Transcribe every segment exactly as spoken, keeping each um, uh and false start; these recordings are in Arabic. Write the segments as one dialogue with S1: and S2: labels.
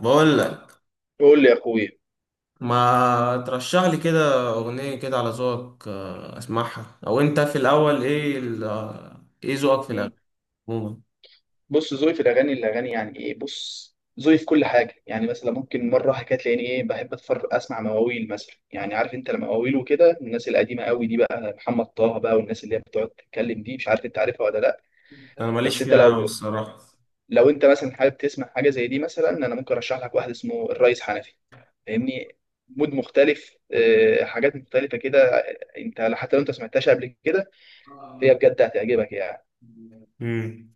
S1: بقول لك
S2: قول لي يا اخويا.
S1: ما ترشح لي كده اغنيه كده على ذوقك، آه، اسمعها، او انت في الاول ايه ال- آه، ايه ذوقك في
S2: مم.
S1: الاغاني عموما؟
S2: بص ذوقي في الاغاني الاغاني يعني ايه؟ بص ذوقي في كل حاجه، يعني مثلا ممكن مره حكايه تلاقيني ايه، بحب اتفرج اسمع مواويل مثلا. يعني عارف انت المواويل وكده، الناس القديمه قوي دي بقى، محمد طه بقى والناس اللي هي بتقعد تتكلم دي، مش عارف انت عارفها ولا لا؟
S1: انا ماليش
S2: بس انت
S1: فيها قوي
S2: لو
S1: الصراحه.
S2: لو انت مثلا حابب تسمع حاجه زي دي مثلا، انا ممكن ارشح لك واحد اسمه الريس حنفي. فاهمني. مود مختلف، آه، حاجات مختلفه كده. انت حتى لو انت سمعتهاش قبل كده فهي بجد هتعجبك يعني.
S1: امم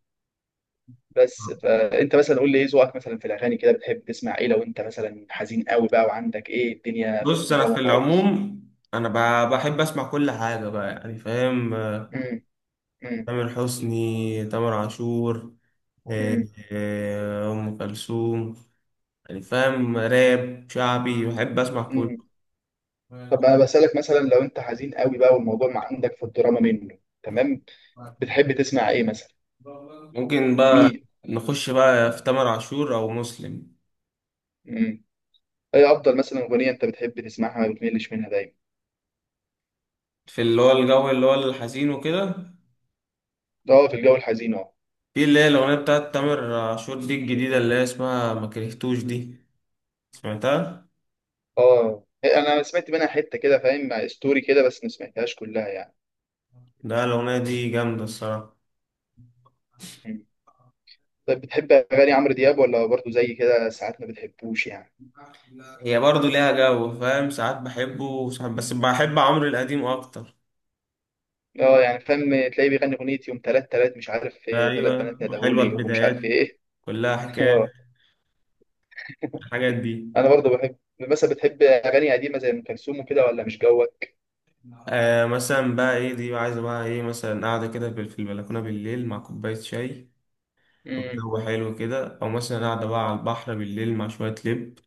S2: بس فانت مثلا قول لي ايه ذوقك مثلا في الاغاني كده، بتحب تسمع ايه لو انت مثلا حزين قوي بقى وعندك ايه الدنيا في
S1: بص، انا
S2: الدراما
S1: في
S2: خالص؟
S1: العموم انا ب- بحب اسمع كل حاجه بقى يعني فاهم. آه،
S2: امم، امم،
S1: تامر حسني، تامر عاشور، آه،
S2: امم،
S1: آه، ام كلثوم. يعني فاهم، راب شعبي، بحب اسمع كله.
S2: امم. طب انا بسالك مثلا لو انت حزين قوي بقى والموضوع ما عندك في الدراما منه تمام، بتحب تسمع ايه مثلا؟
S1: ممكن بقى
S2: مين؟
S1: نخش بقى في تامر عاشور او مسلم،
S2: امم. ايه افضل مثلا اغنيه انت بتحب تسمعها ما بتملش منها دايما؟
S1: في اللي هو الجو اللي هو الحزين وكده.
S2: اه في الجو الحزين اه.
S1: في اللي هي الاغنيه بتاعت تامر عاشور دي الجديده اللي هي اسمها ما كرهتوش دي، سمعتها؟
S2: اه انا سمعت منها حته كده، فاهم، مع ستوري كده بس ما سمعتهاش كلها يعني.
S1: ده الاغنيه دي جامده الصراحه.
S2: طيب بتحب اغاني عمرو دياب ولا برضه زي كده ساعات ما بتحبوش يعني؟
S1: هي برضو ليها جو فاهم، ساعات بحبه وساعات، بس بحب عمرو القديم اكتر.
S2: اه يعني فاهم. تلاقيه بيغني اغنيه يوم تلات تلات مش عارف ايه، تلات
S1: ايوه،
S2: بنات
S1: حلوه
S2: ندهولي ومش
S1: البدايات،
S2: عارف ايه.
S1: كلها حكايات،
S2: اه.
S1: الحاجات دي.
S2: انا برضه بحب مثلا، بتحب اغاني قديمه زي ام كلثوم وكده ولا مش جوك؟
S1: آه، مثلا بقى ايه دي عايزه بقى ايه؟ مثلا قاعده كده في في البلكونه بالليل مع كوبايه شاي،
S2: امم.
S1: الجو حلو كده، او مثلا قاعده بقى على البحر بالليل مع شويه لب.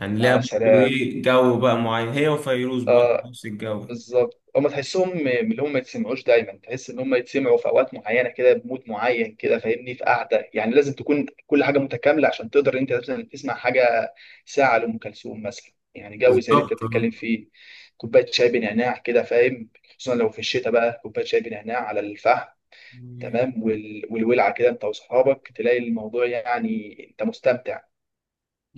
S1: يعني ليها
S2: يا
S1: برضه
S2: سلام.
S1: ايه جو بقى معين، هي وفيروز برضه
S2: اه.
S1: نفس الجو.
S2: بالظبط هم تحسهم م- من اللي هم ما يتسمعوش دايما، تحس ان هم يتسمعوا في اوقات معينه كده بمود معين كده فاهمني، في قعده، يعني لازم تكون كل حاجه متكامله عشان تقدر انت مثلا تسمع حاجه. ساعه لام كلثوم مثلا، يعني جو زي اللي انت
S1: بالظبط
S2: بتتكلم
S1: آه.
S2: فيه. كوبايه شاي بنعناع كده فاهم، خصوصا لو في الشتاء بقى كوبايه شاي بنعناع على الفحم. تمام، وال... والولعه كده انت واصحابك، تلاقي الموضوع يعني انت مستمتع.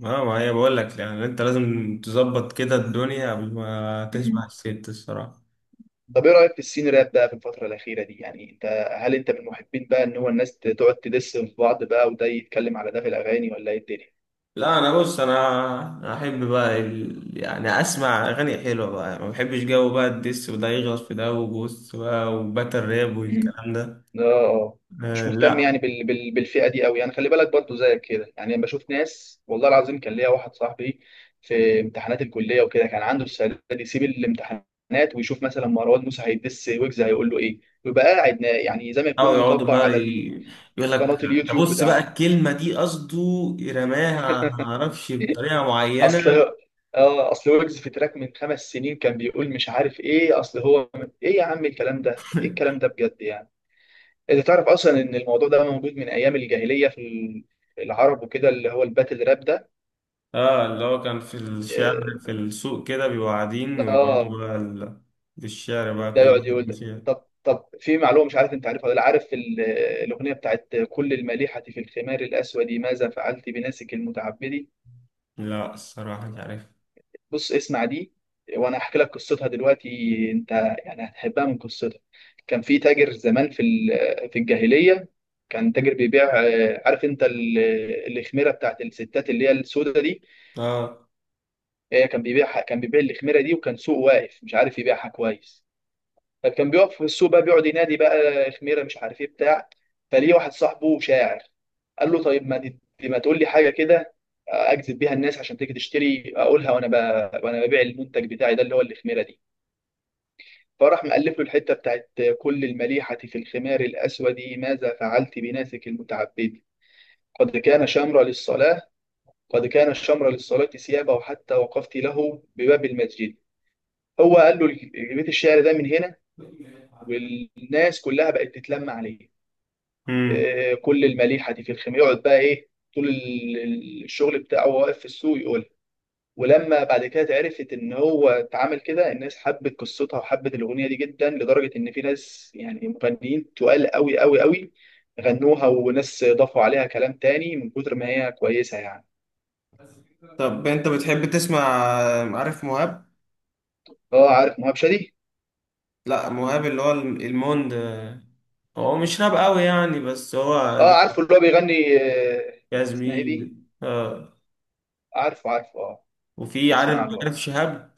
S1: اه، ما هي بقول لك يعني انت لازم تظبط كده الدنيا قبل ما تسمع الست الصراحه.
S2: طب ايه رايك في السين راب بقى في الفتره الاخيره دي؟ يعني انت هل انت من محبين بقى ان هو الناس تقعد تدس في بعض بقى، وده يتكلم على ده في الاغاني، ولا ايه الدنيا؟
S1: لا، انا بص، انا أنا احب بقى ال... يعني اسمع اغاني حلوه بقى، ما بحبش جو بقى الدس وده يغلط في ده وبص بقى وباتل راب
S2: مم.
S1: والكلام ده.
S2: اه. آه. مش
S1: آه
S2: مهتم
S1: لا.
S2: يعني بال... بال... بالفئه دي قوي، يعني خلي بالك برضو زيك كده، يعني لما بشوف ناس. والله العظيم كان ليا واحد صاحبي في امتحانات الكليه وكده، كان عنده السنه دي يسيب الامتحانات ويشوف مثلا مروان موسى هيدس ويجز هيقول له ايه، ويبقى قاعد نا- يعني زي ما
S1: او
S2: يكون
S1: يقعدوا
S2: مطبق
S1: بقى
S2: على ال-
S1: ي- يقول لك
S2: قناه
S1: ده،
S2: اليوتيوب
S1: بص بقى
S2: بتاعته.
S1: الكلمه دي قصده رماها ما اعرفش بطريقه معينه.
S2: اصل اه اصل ويجز في تراك من خمس سنين كان بيقول مش عارف ايه، اصل هو ايه يا عم، الكلام ده ايه الكلام ده بجد يعني. انت تعرف اصلا ان الموضوع ده موجود من ايام الجاهليه في ال- العرب وكده، اللي هو الباتل راب ده.
S1: اه اللي هو كان في الشعر
S2: اه.
S1: في السوق كده بيبقوا قاعدين ويقعدوا
S2: آه.
S1: بقى ال... في الشعر بقى
S2: ده
S1: كل
S2: يقعد
S1: واحد
S2: يقول
S1: يقول
S2: ده.
S1: شعر.
S2: طب طب في معلومه، مش عارف انت عارفها ولا لا، عارف ال- الاغنيه بتاعت كل المليحه في الخمار الاسود ماذا فعلت بناسك المتعبد؟
S1: لا الصراحه مش عارف.
S2: بص اسمع دي وانا احكي لك قصتها دلوقتي. انت يعني هتحبها من قصتها. كان في تاجر زمان في ال- في الجاهليه، كان تاجر بيبيع، آه، عارف انت ال- الخميره بتاعت الستات اللي هي السوداء دي.
S1: اه.
S2: آه، كان بيبيعها، كان بيبيع الخميره دي، وكان سوق واقف مش عارف يبيعها كويس. فكان بيقف في السوق بقى بيقعد ينادي بقى خميره مش عارف ايه بتاع. فليه واحد صاحبه شاعر قال له طيب ما ت- ما تقول لي حاجه كده اجذب بيها الناس عشان تيجي تشتري اقولها، وانا ب... وانا ببيع المنتج بتاعي ده اللي هو الخميره دي. فراح مألف له الحته بتاعت: كل المليحه في الخمار الاسود ماذا فعلت بناسك المتعبد، قد كان شمر للصلاه، قد كان الشمر للصلاه ثيابه وحتى وقفت له بباب المسجد. هو قال له بيت الشعر ده من هنا، والناس كلها بقت تتلم عليه.
S1: امم
S2: آه، كل المليحه دي في الخيمه، يقعد بقى ايه طول ال- ال- الشغل بتاعه واقف في السوق يقول. ولما بعد كده اتعرفت ان هو اتعامل كده، الناس حبت قصتها وحبت الاغنيه دي جدا، لدرجه ان في ناس يعني مغنيين تقال قوي قوي قوي غنوها، وناس ضافوا عليها كلام تاني من كتر ما هي كويسه يعني.
S1: طب انت بتحب تسمع؟ عارف مهاب؟
S2: اه عارف مهاب شادي.
S1: لا، مهاب اللي هو الم- الموند. هو مش راب قوي يعني، بس هو
S2: اه عارفه اللي هو بيغني، آه،
S1: جاز
S2: اسمها ايه دي؟
S1: مين، اه.
S2: عارفه، عارفه اه.
S1: وفي
S2: بسمع
S1: عارف
S2: له اه.
S1: عارف شهاب.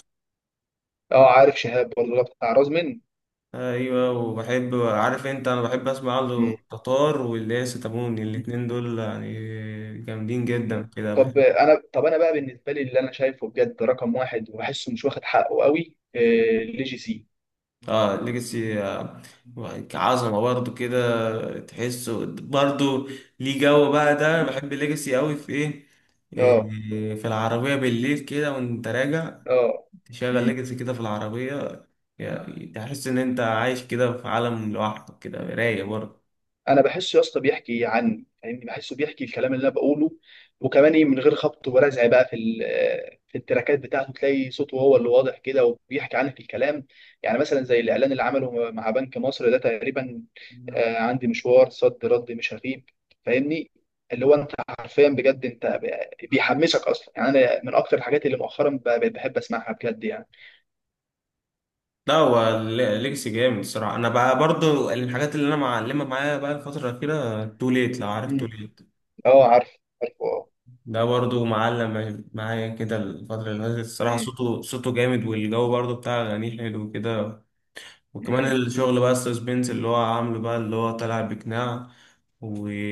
S2: آه، عارف شهاب برضه اللي هو بتاع رزمن.
S1: ايوه، وبحب، عارف انت، انا بحب اسمع له تتار، واللي هي ستامون. الاتنين دول يعني جامدين جدا
S2: مم.
S1: كده،
S2: طب
S1: بحب.
S2: انا طب انا بقى بالنسبه لي، اللي انا شايفه بجد رقم واحد وبحسه مش واخد حقه قوي، آه، ليجي سي.
S1: اه، ليجاسي آه، كعظمه برضه كده، تحسه برضه، ليه جو بقى ده. أنا
S2: مم.
S1: بحب ليجاسي قوي في ايه إيه،
S2: اه.
S1: في العربيه بالليل كده وانت راجع،
S2: اه.
S1: تشغل
S2: مم.
S1: ليجاسي كده في العربيه، يعني تحس ان انت عايش كده في عالم لوحدك كده، رايق برضه.
S2: انا بحسه يا اسطى بيحكي عني، فاهمني، بحسه بيحكي الكلام اللي انا بقوله، وكمان ايه، من غير خبط ورزع بقى في ال- في التراكات بتاعته، تلاقي صوته هو اللي واضح كده وبيحكي عنك الكلام. يعني مثلا زي الاعلان اللي عمله مع بنك مصر ده تقريبا، آه، عندي مشوار صد رد مش هغيب، فاهمني، اللي هو انت حرفيا بجد، انت ب- بيحمسك اصلا، يعني انا من اكتر الحاجات اللي مؤخرا ب- بقيت بحب اسمعها بجد يعني.
S1: لا، هو ليجاسي جامد الصراحه. انا بقى برضو الحاجات اللي انا معلمه معايا بقى الفتره الاخيره، تو ليت، لو عارف تو
S2: امم.
S1: ليت.
S2: اه عارف، عارفه اه.
S1: ده برضو معلم معايا كده الفتره اللي فاتت الصراحه. صوته صوته جامد، والجو برضو بتاع اغانيه حلو كده. وكمان
S2: امم.
S1: الشغل بقى السسبنس اللي هو عامله بقى، اللي هو طالع بقناع،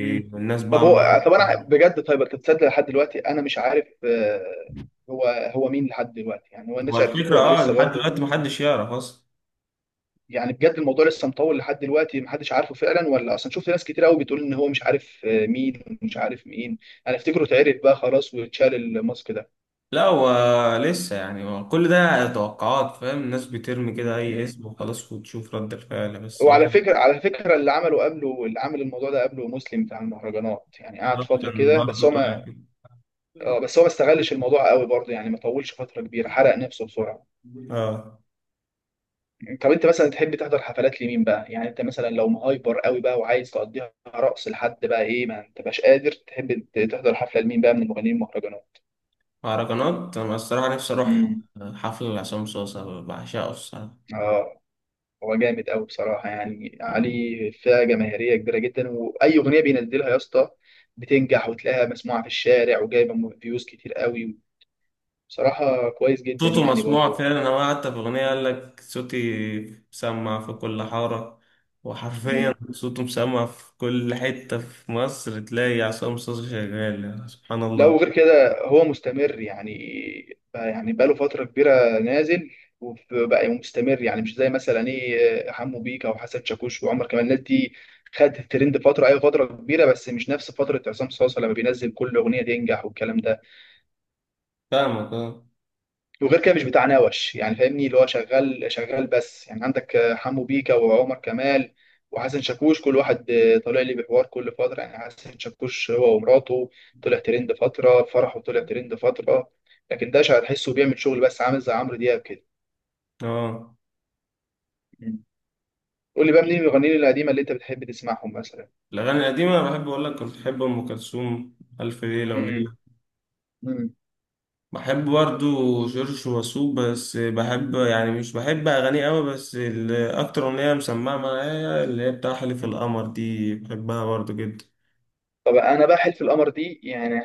S2: مم. طب
S1: بقى
S2: هو، طب انا
S1: عمالة-
S2: بجد طيب انت تصدق لحد دلوقتي انا مش عارف، آه، هو، هو مين لحد دلوقتي، يعني هو
S1: هو
S2: الناس عرفته
S1: الفكره،
S2: ولا
S1: اه،
S2: لسه
S1: لحد
S2: برضه؟
S1: دلوقتي محدش يعرف اصلا.
S2: يعني بجد الموضوع لسه مطول لحد دلوقتي محدش عارفه فعلا، ولا اصلا شفت ناس كتير قوي بتقول ان هو مش عارف، آه، مين ومش عارف مين. انا افتكره اتعرف بقى خلاص واتشال الماسك ده.
S1: لا، هو لسه يعني، هو كل ده توقعات فاهم، الناس بترمي كده اي
S2: مم.
S1: اسم وخلاص وتشوف رد الفعل. بس هو هو
S2: وعلى فكرة على فكرة اللي عمله قبله اللي عمل الموضوع ده قبله مسلم بتاع المهرجانات، يعني قعد فترة
S1: كان
S2: كده، بس هو
S1: برضه طالع
S2: ما
S1: كده.
S2: آه، بس هو ما استغلش الموضوع قوي برضه يعني، ما طولش فترة كبيرة، حرق نفسه بسرعة.
S1: اه،
S2: طب انت مثلا تحب تحضر حفلات لمين بقى يعني؟ انت مثلا لو مهايبر قوي بقى وعايز تقضيها رقص لحد بقى ايه، ما انت مش قادر، تحب ت- تحضر حفله لمين بقى من المغنيين المهرجانات؟
S1: مهرجانات انا الصراحه نفسي اروح
S2: امم.
S1: حفل لعصام صوصه، بعشقه الصراحه.
S2: اه. هو جامد قوي بصراحه يعني، علي فئه جماهيريه كبيره جدا، واي اغنيه بينزلها يا اسطى بتنجح وتلاقيها مسموعه في الشارع، وجايبه م- فيوز كتير قوي، بصراحه كويس جدا
S1: صوته
S2: يعني
S1: مسموع
S2: برضه.
S1: فعلا، انا حتى في اغنيه قال لك صوتي مسمع في كل حاره. وحرفيا صوته مسمع في كل حته في مصر، تلاقي عصام صوصه شغال، يعني سبحان
S2: لا،
S1: الله.
S2: وغير كده هو مستمر يعني، بقى يعني بقى له فترة كبيرة نازل وبقى مستمر يعني، مش زي مثلا ايه حمو بيكا وحسن شاكوش وعمر كمال، الناس دي خدت الترند فترة، ايوه فترة كبيرة، بس مش نفس فترة عصام صاصا، لما بينزل كل أغنية تنجح والكلام ده.
S1: فاهمك، اه.
S2: وغير كده مش بتاع نوش يعني فاهمني، اللي هو شغال شغال بس، يعني عندك آه، حمو بيكا وعمر كمال وحسن شاكوش، كل واحد آه، طالع لي بحوار كل فترة، يعني حسن شاكوش هو ومراته طلع ترند فترة فرحه، طلع ترند فترة، لكن ده هتحسه بيعمل شغل بس عامل زي عمرو دياب كده.
S1: اه،
S2: مم. قول لي بقى منين المغنيين القديمة اللي انت بتحب تسمعهم مثلا؟
S1: الأغاني القديمة بحب أقول لك كنت بحب أم كلثوم، ألف ليلة
S2: مم.
S1: وليلة.
S2: مم.
S1: بحب برضو جورج وسوف، بس بحب يعني، مش بحب أغانيه أوي، بس ال- أكتر أغنية مسمعة معايا اللي هي بتاع حلف القمر دي، بحبها برضو جدا.
S2: طب انا بقى حلف القمر دي، يعني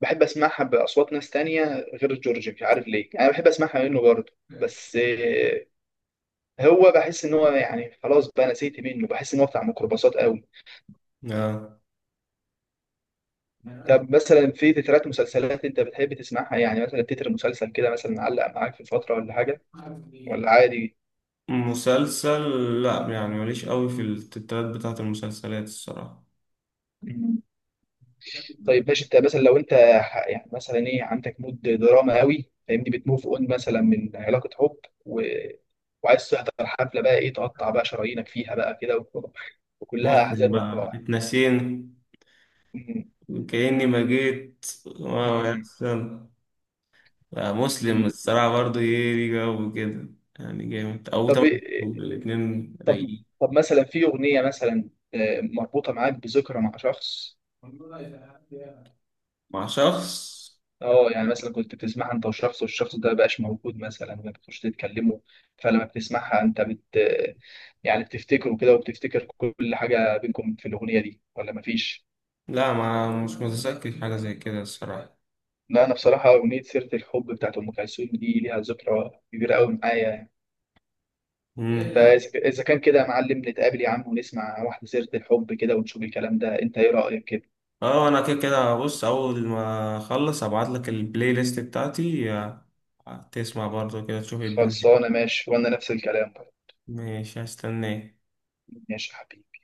S2: بحب اسمعها باصوات ناس تانية غير جورج، مش عارف ليه انا بحب اسمعها منه برضه، بس هو بحس ان هو يعني خلاص بقى نسيت منه، بحس ان هو بتاع ميكروباصات قوي.
S1: آه.
S2: طب مثلا في تترات مسلسلات انت بتحب تسمعها؟ يعني مثلا تتر مسلسل كده مثلا علق معاك في فتره ولا حاجه، ولا عادي؟
S1: مسلسل لأ، يعني ماليش أوي في التترات بتاعة المسلسلات الصراحة.
S2: مم. طيب ماشي، انت مثلا لو انت ح- يعني مثلا ايه عندك مود دراما قوي فاهمني، بتموف اون مثلا من علاقه حب و... وعايز تحضر حفله بقى ايه تقطع بقى شرايينك فيها بقى كده و... وكلها
S1: مسلم
S2: احزان
S1: بقى
S2: وفرح.
S1: اتنسينا،
S2: مم.
S1: كأني ما جيت، واو يا
S2: مم.
S1: أحسن. آه، مسلم
S2: مم.
S1: الصراحة برضه ايه، ليه جو كده، يعني جامد او
S2: طب
S1: تمام،
S2: إيه،
S1: الاتنين
S2: طب
S1: رايقين.
S2: طب مثلا في اغنيه مثلا، آه، مربوطه معاك بذكرى مع شخص؟
S1: مع شخص؟
S2: اه يعني مثلا كنت بتسمعها انت وشخص، والشخص ده مبقاش موجود مثلا، ما بتخش تتكلموا، فلما بتسمعها انت بت يعني بتفتكره كده وبتفتكر كل حاجه بينكم في الاغنيه دي ولا مفيش؟
S1: لا، ما مش متذكر حاجة زي كده الصراحة.
S2: لا انا بصراحه اغنيه سيره الحب بتاعت ام كلثوم دي ليها ذكرى كبيره قوي معايا يعني.
S1: مم.
S2: فاذا ك- إذا كان كده يا معلم، نتقابل يا عم ونسمع واحده سيره الحب كده ونشوف الكلام ده، انت ايه رايك كده؟
S1: اه، انا كده كده بص، اول ما اخلص ابعت لك البلاي ليست بتاعتي آه، تسمع برضه كده تشوف الدنيا.
S2: خلصانه ماشي، وانا نفس الكلام برضه.
S1: ماشي، هستناك.
S2: ماشي يا حبيبي.